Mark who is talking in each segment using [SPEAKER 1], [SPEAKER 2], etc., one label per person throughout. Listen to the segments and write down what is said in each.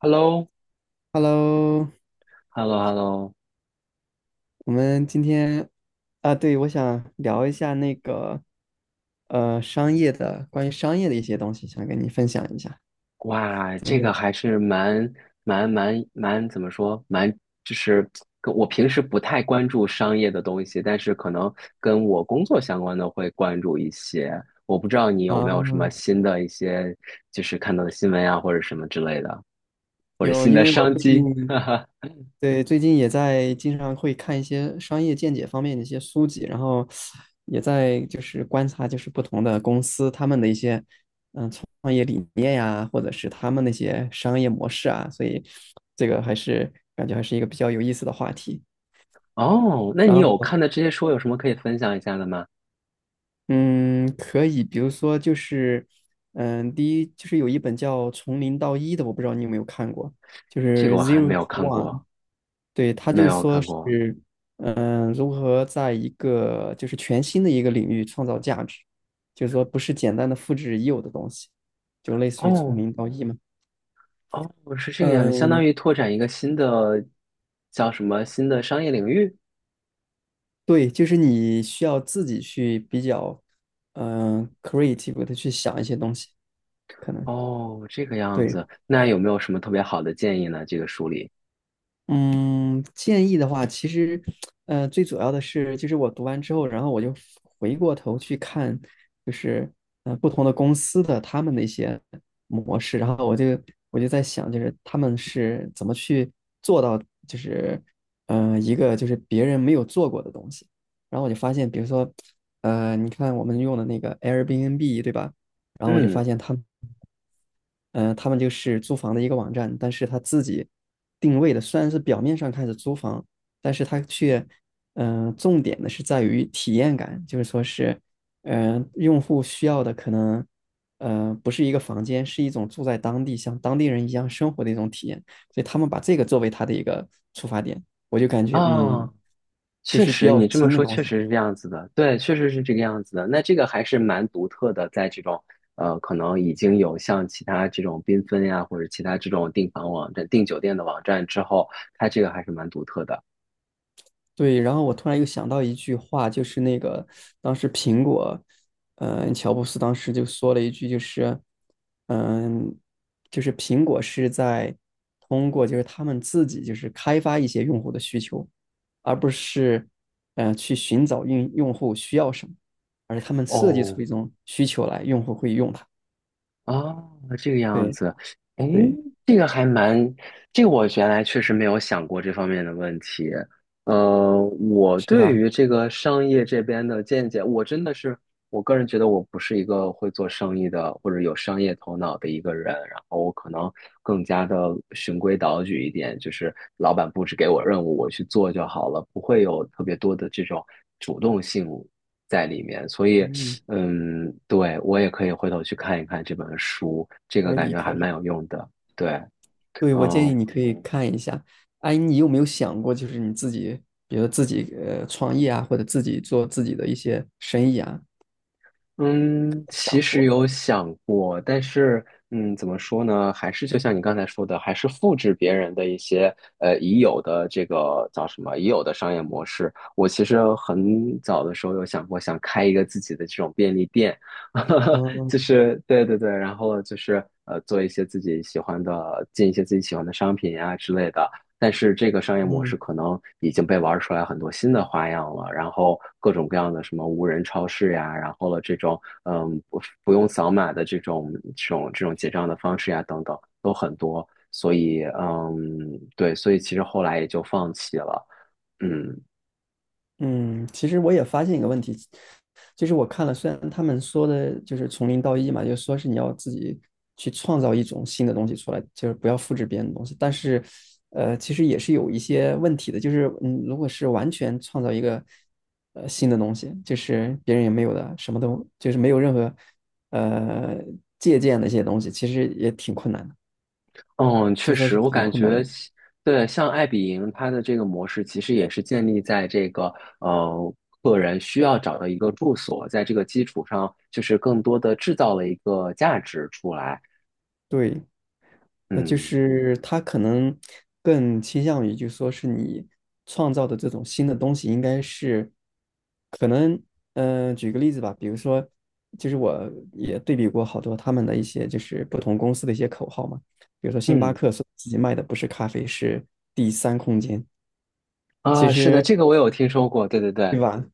[SPEAKER 1] h e l l o
[SPEAKER 2] Hello，
[SPEAKER 1] h e l l o h e l l o
[SPEAKER 2] 我们今天啊，对，我想聊一下商业的，关于商业的一些东西，想跟你分享一下，
[SPEAKER 1] 哇，
[SPEAKER 2] 怎么
[SPEAKER 1] 这
[SPEAKER 2] 样？
[SPEAKER 1] 个还是蛮怎么说？蛮就是跟我平时不太关注商业的东西，但是可能跟我工作相关的会关注一些。我不知道你
[SPEAKER 2] 啊，
[SPEAKER 1] 有没有什么新的一些，就是看到的新闻呀，或者什么之类的。
[SPEAKER 2] 有，因为我最近对最近也在经常会看一些商业见解方面的一些书籍，然后也在就是观察就是不同的公司他们的一些嗯创业理念呀，或者是他们那些商业模式啊，所以这个还是感觉还是一个比较有意思的话题。
[SPEAKER 1] 哦，那
[SPEAKER 2] 然
[SPEAKER 1] 你有
[SPEAKER 2] 后。
[SPEAKER 1] 看的这些书有什么可以分享一下的吗？
[SPEAKER 2] 嗯，可以，比如说就是，嗯，第一就是有一本叫《从零到一》的，我不知道你有没有看过，就
[SPEAKER 1] 这个
[SPEAKER 2] 是
[SPEAKER 1] 我还
[SPEAKER 2] 《Zero
[SPEAKER 1] 没有
[SPEAKER 2] to
[SPEAKER 1] 看
[SPEAKER 2] One》。
[SPEAKER 1] 过，
[SPEAKER 2] 对，他
[SPEAKER 1] 没
[SPEAKER 2] 就
[SPEAKER 1] 有
[SPEAKER 2] 说
[SPEAKER 1] 看过。
[SPEAKER 2] 是，嗯，如何在一个就是全新的一个领域创造价值，就是说不是简单的复制已有的东西，就类似于从
[SPEAKER 1] 哦，
[SPEAKER 2] 零到一嘛。
[SPEAKER 1] 哦，是这个样子，相当
[SPEAKER 2] 嗯，
[SPEAKER 1] 于拓展一个新的叫什么新的商业领域。
[SPEAKER 2] 对，就是你需要自己去比较，嗯，creative 的去想一些东西，可能
[SPEAKER 1] 哦，这个样
[SPEAKER 2] 对。
[SPEAKER 1] 子，那有没有什么特别好的建议呢？这个书里，
[SPEAKER 2] 嗯，建议的话，其实，最主要的是，就是我读完之后，然后我就回过头去看，就是不同的公司的他们的一些模式，然后我就在想，就是他们是怎么去做到，就是一个就是别人没有做过的东西，然后我就发现，比如说，你看我们用的那个 Airbnb，对吧？然后我就
[SPEAKER 1] 嗯，
[SPEAKER 2] 发现他们。他们就是租房的一个网站，但是他自己定位的虽然是表面上看是租房，但是他却，重点的是在于体验感，就是说是，用户需要的可能，呃，不是一个房间，是一种住在当地像当地人一样生活的一种体验，所以他们把这个作为他的一个出发点，我就感觉嗯，
[SPEAKER 1] 啊，
[SPEAKER 2] 就
[SPEAKER 1] 确
[SPEAKER 2] 是比
[SPEAKER 1] 实，
[SPEAKER 2] 较
[SPEAKER 1] 你这么
[SPEAKER 2] 新的
[SPEAKER 1] 说
[SPEAKER 2] 东
[SPEAKER 1] 确
[SPEAKER 2] 西。
[SPEAKER 1] 实是这样子的，对，确实是这个样子的。那这个还是蛮独特的，在这种可能已经有像其他这种缤纷呀，或者其他这种订房网站、订酒店的网站之后，它这个还是蛮独特的。
[SPEAKER 2] 对，然后我突然又想到一句话，就是那个当时苹果，乔布斯当时就说了一句，就是，嗯、就是苹果是在通过就是他们自己就是开发一些用户的需求，而不是，去寻找用户需要什么，而是他们设计
[SPEAKER 1] 哦，
[SPEAKER 2] 出一种需求来，用户会用它。
[SPEAKER 1] 哦，这个样
[SPEAKER 2] 对
[SPEAKER 1] 子，哎，
[SPEAKER 2] 对，
[SPEAKER 1] 这个还蛮，这个我原来确实没有想过这方面的问题。我
[SPEAKER 2] 是
[SPEAKER 1] 对
[SPEAKER 2] 吧？
[SPEAKER 1] 于这个商业这边的见解，我真的是，我个人觉得我不是一个会做生意的或者有商业头脑的一个人，然后我可能更加的循规蹈矩一点，就是老板布置给我任务，我去做就好了，不会有特别多的这种主动性在里面，所以。
[SPEAKER 2] 嗯，
[SPEAKER 1] 嗯，对，我也可以回头去看一看这本书，这个
[SPEAKER 2] 可
[SPEAKER 1] 感
[SPEAKER 2] 以
[SPEAKER 1] 觉还
[SPEAKER 2] 可
[SPEAKER 1] 蛮
[SPEAKER 2] 以。
[SPEAKER 1] 有用的。对，
[SPEAKER 2] 对，我建
[SPEAKER 1] 嗯。
[SPEAKER 2] 议你可以看一下。哎，你有没有想过，就是你自己，比如自己创业啊，或者自己做自己的一些生意啊，
[SPEAKER 1] 嗯，其
[SPEAKER 2] 想
[SPEAKER 1] 实
[SPEAKER 2] 过？
[SPEAKER 1] 有想过，但是嗯，怎么说呢？还是就像你刚才说的，还是复制别人的一些已有的这个叫什么已有的商业模式。我其实很早的时候有想过，想开一个自己的这种便利店，就
[SPEAKER 2] 嗯
[SPEAKER 1] 是对对对，然后就是做一些自己喜欢的，进一些自己喜欢的商品呀、之类的。但是这个商业模
[SPEAKER 2] 嗯。
[SPEAKER 1] 式可能已经被玩出来很多新的花样了，然后各种各样的什么无人超市呀，然后了这种嗯不用扫码的这种结账的方式呀等等都很多，所以嗯对，所以其实后来也就放弃了，嗯。
[SPEAKER 2] 嗯，其实我也发现一个问题，就是我看了，虽然他们说的就是从零到一嘛，就是说是你要自己去创造一种新的东西出来，就是不要复制别人的东西，但是，呃，其实也是有一些问题的，就是嗯，如果是完全创造一个新的东西，就是别人也没有的，什么都就是没有任何呃借鉴的一些东西，其实也挺困难的，
[SPEAKER 1] 嗯，确
[SPEAKER 2] 就说
[SPEAKER 1] 实，
[SPEAKER 2] 是
[SPEAKER 1] 我
[SPEAKER 2] 很
[SPEAKER 1] 感
[SPEAKER 2] 困难
[SPEAKER 1] 觉
[SPEAKER 2] 的，
[SPEAKER 1] 西对，像爱彼迎它的这个模式，其实也是建立在这个呃个人需要找到一个住所，在这个基础上，就是更多的制造了一个价值出来。
[SPEAKER 2] 对。就
[SPEAKER 1] 嗯。
[SPEAKER 2] 是他可能更倾向于，就是说是你创造的这种新的东西，应该是可能，举个例子吧，比如说，就是我也对比过好多他们的一些就是不同公司的一些口号嘛，比如说星巴
[SPEAKER 1] 嗯。
[SPEAKER 2] 克说自己卖的不是咖啡，是第三空间，其
[SPEAKER 1] 啊，是的，
[SPEAKER 2] 实
[SPEAKER 1] 这个我有听说过，对对对。
[SPEAKER 2] 对吧？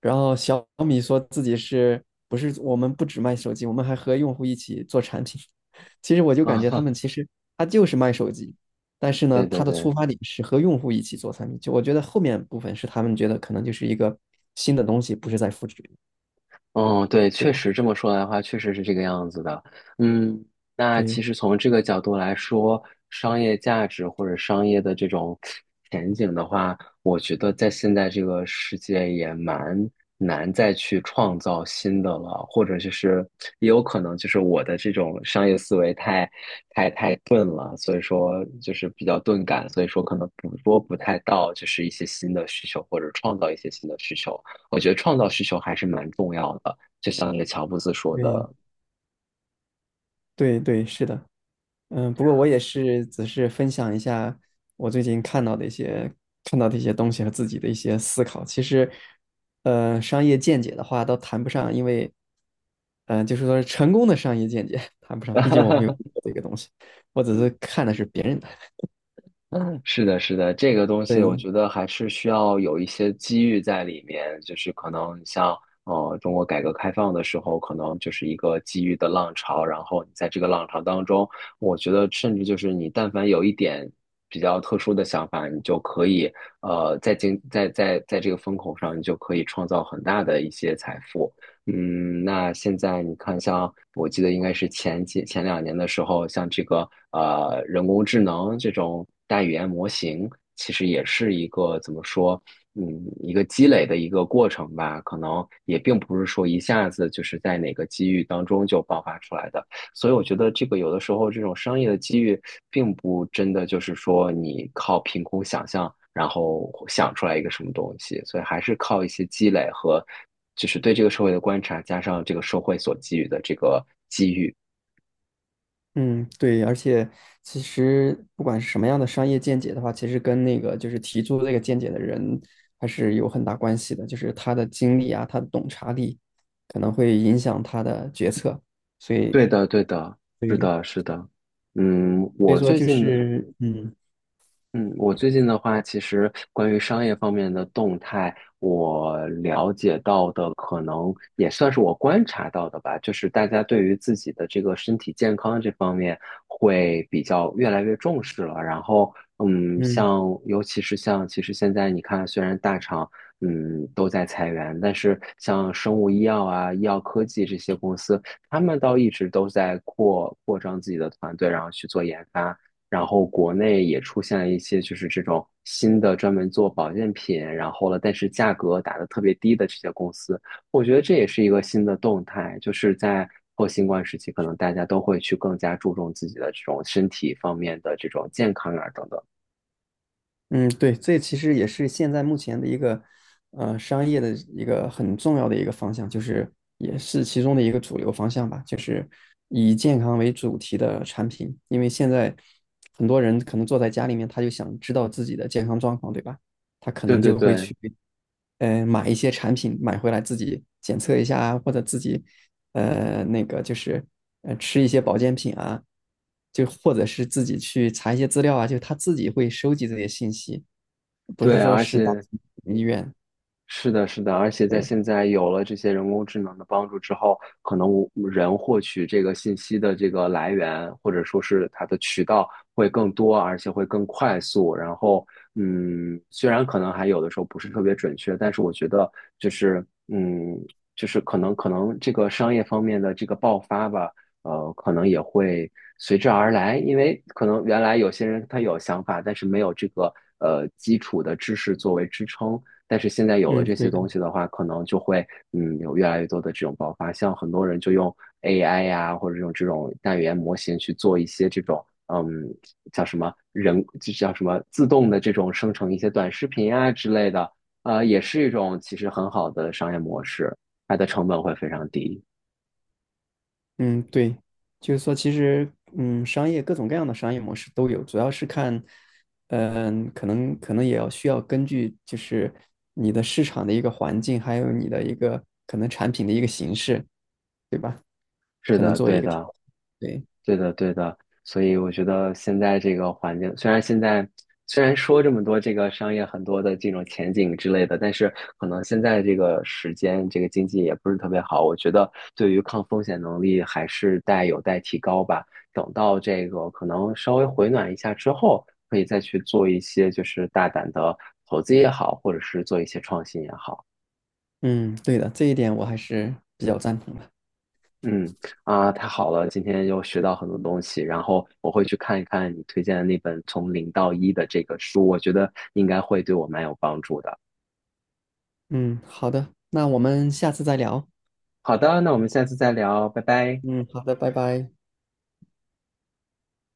[SPEAKER 2] 然后小米说自己是不是我们不只卖手机，我们还和用户一起做产品。其实我就感觉他
[SPEAKER 1] 啊，
[SPEAKER 2] 们其实他就是卖手机，但是 呢，
[SPEAKER 1] 对
[SPEAKER 2] 他
[SPEAKER 1] 对
[SPEAKER 2] 的
[SPEAKER 1] 对。
[SPEAKER 2] 出发点是和用户一起做产品。就我觉得后面部分是他们觉得可能就是一个新的东西，不是在复制，
[SPEAKER 1] 嗯，对，
[SPEAKER 2] 对
[SPEAKER 1] 确
[SPEAKER 2] 吧？
[SPEAKER 1] 实这么说来的话，确实是这个样子的。嗯，那其
[SPEAKER 2] 对
[SPEAKER 1] 实从这个角度来说，商业价值或者商业的这种前景的话，我觉得在现在这个世界也蛮难再去创造新的了，或者就是也有可能就是我的这种商业思维太钝了，所以说就是比较钝感，所以说可能捕捉不太到就是一些新的需求或者创造一些新的需求。我觉得创造需求还是蛮重要的，就像那个乔布斯说
[SPEAKER 2] 对
[SPEAKER 1] 的，
[SPEAKER 2] 对对，是的。嗯，不过我也是，只是分享一下我最近看到的一些东西和自己的一些思考。其实，呃，商业见解的话倒谈不上，因为，就是说成功的商业见解 谈不上，毕竟我没有做 这个东西，我只是看的是别人的。
[SPEAKER 1] 是的，是的，这个东西我
[SPEAKER 2] 对，
[SPEAKER 1] 觉得还是需要有一些机遇在里面，就是可能像中国改革开放的时候，可能就是一个机遇的浪潮，然后你在这个浪潮当中，我觉得甚至就是你但凡有一点比较特殊的想法，你就可以呃在经在在在这个风口上，你就可以创造很大的一些财富。嗯，那现在你看，像我记得应该是前两年的时候，像这个人工智能这种大语言模型，其实也是一个怎么说，嗯，一个积累的一个过程吧。可能也并不是说一下子就是在哪个机遇当中就爆发出来的。所以我觉得这个有的时候这种商业的机遇，并不真的就是说你靠凭空想象，然后想出来一个什么东西，所以还是靠一些积累和就是对这个社会的观察，加上这个社会所给予的这个机遇。
[SPEAKER 2] 嗯，对，而且其实不管是什么样的商业见解的话，其实跟那个就是提出这个见解的人还是有很大关系的，就是他的经历啊，他的洞察力可能会影响他的决策，所以，
[SPEAKER 1] 对的，对的，是
[SPEAKER 2] 对，
[SPEAKER 1] 的，是的。嗯，
[SPEAKER 2] 所以
[SPEAKER 1] 我
[SPEAKER 2] 说
[SPEAKER 1] 最
[SPEAKER 2] 就
[SPEAKER 1] 近
[SPEAKER 2] 是，嗯
[SPEAKER 1] 嗯，我最近的话，其实关于商业方面的动态，我了解到的可能也算是我观察到的吧，就是大家对于自己的这个身体健康这方面会比较越来越重视了。然后，嗯，
[SPEAKER 2] 嗯。
[SPEAKER 1] 像尤其是像，其实现在你看，虽然大厂嗯都在裁员，但是像生物医药啊、医药科技这些公司，他们倒一直都在扩张自己的团队，然后去做研发。然后国内也出现了一些就是这种新的专门做保健品，然后了，但是价格打的特别低的这些公司，我觉得这也是一个新的动态，就是在后新冠时期，可能大家都会去更加注重自己的这种身体方面的这种健康啊等等。
[SPEAKER 2] 嗯，对，这其实也是现在目前的一个商业的一个很重要的一个方向，就是也是其中的一个主流方向吧，就是以健康为主题的产品。因为现在很多人可能坐在家里面，他就想知道自己的健康状况，对吧？他可
[SPEAKER 1] 对
[SPEAKER 2] 能
[SPEAKER 1] 对
[SPEAKER 2] 就会
[SPEAKER 1] 对
[SPEAKER 2] 去买一些产品买回来自己检测一下啊，或者自己呃那个就是吃一些保健品啊，就或者是自己去查一些资料啊，就他自己会收集这些信息。不
[SPEAKER 1] 对，
[SPEAKER 2] 是说
[SPEAKER 1] 而
[SPEAKER 2] 是大
[SPEAKER 1] 且
[SPEAKER 2] 型医院，
[SPEAKER 1] 是的，是的，而且在
[SPEAKER 2] 对，
[SPEAKER 1] 现在有了这些人工智能的帮助之后，可能我人获取这个信息的这个来源，或者说是它的渠道会更多，而且会更快速。然后，嗯，虽然可能还有的时候不是特别准确，但是我觉得就是，嗯，就是可能这个商业方面的这个爆发吧，可能也会随之而来，因为可能原来有些人他有想法，但是没有这个基础的知识作为支撑。但是现在有了
[SPEAKER 2] 嗯，
[SPEAKER 1] 这些
[SPEAKER 2] 对的，
[SPEAKER 1] 东西的话，可能就会嗯有越来越多的这种爆发，像很多人就用 AI 呀、或者用这种大语言模型去做一些这种嗯叫什么人就叫什么自动的这种生成一些短视频啊之类的，也是一种其实很好的商业模式，它的成本会非常低。
[SPEAKER 2] 嗯，对，就是说，其实，商业各种各样的商业模式都有，主要是看，可能也要需要根据就是你的市场的一个环境，还有你的一个可能产品的一个形式，
[SPEAKER 1] 是
[SPEAKER 2] 可能
[SPEAKER 1] 的，
[SPEAKER 2] 做一
[SPEAKER 1] 对
[SPEAKER 2] 个调
[SPEAKER 1] 的。
[SPEAKER 2] 整，对，
[SPEAKER 1] 对的，对的，所以我觉得现在这个环境，虽然现在虽然说这么多这个商业很多的这种前景之类的，但是可能现在这个时间，这个经济也不是特别好。我觉得对于抗风险能力还是有待提高吧。等到这个可能稍微回暖一下之后，可以再去做一些就是大胆的投资也好，或者是做一些创新也好。
[SPEAKER 2] 嗯，对的，这一点我还是比较赞同的。
[SPEAKER 1] 嗯。啊，太好了，今天又学到很多东西，然后我会去看一看你推荐的那本《从零到一》的这个书，我觉得应该会对我蛮有帮助的。
[SPEAKER 2] 嗯，好的，那我们下次再聊。
[SPEAKER 1] 好的，那我们下次再聊，拜拜。
[SPEAKER 2] 嗯，好的，拜拜。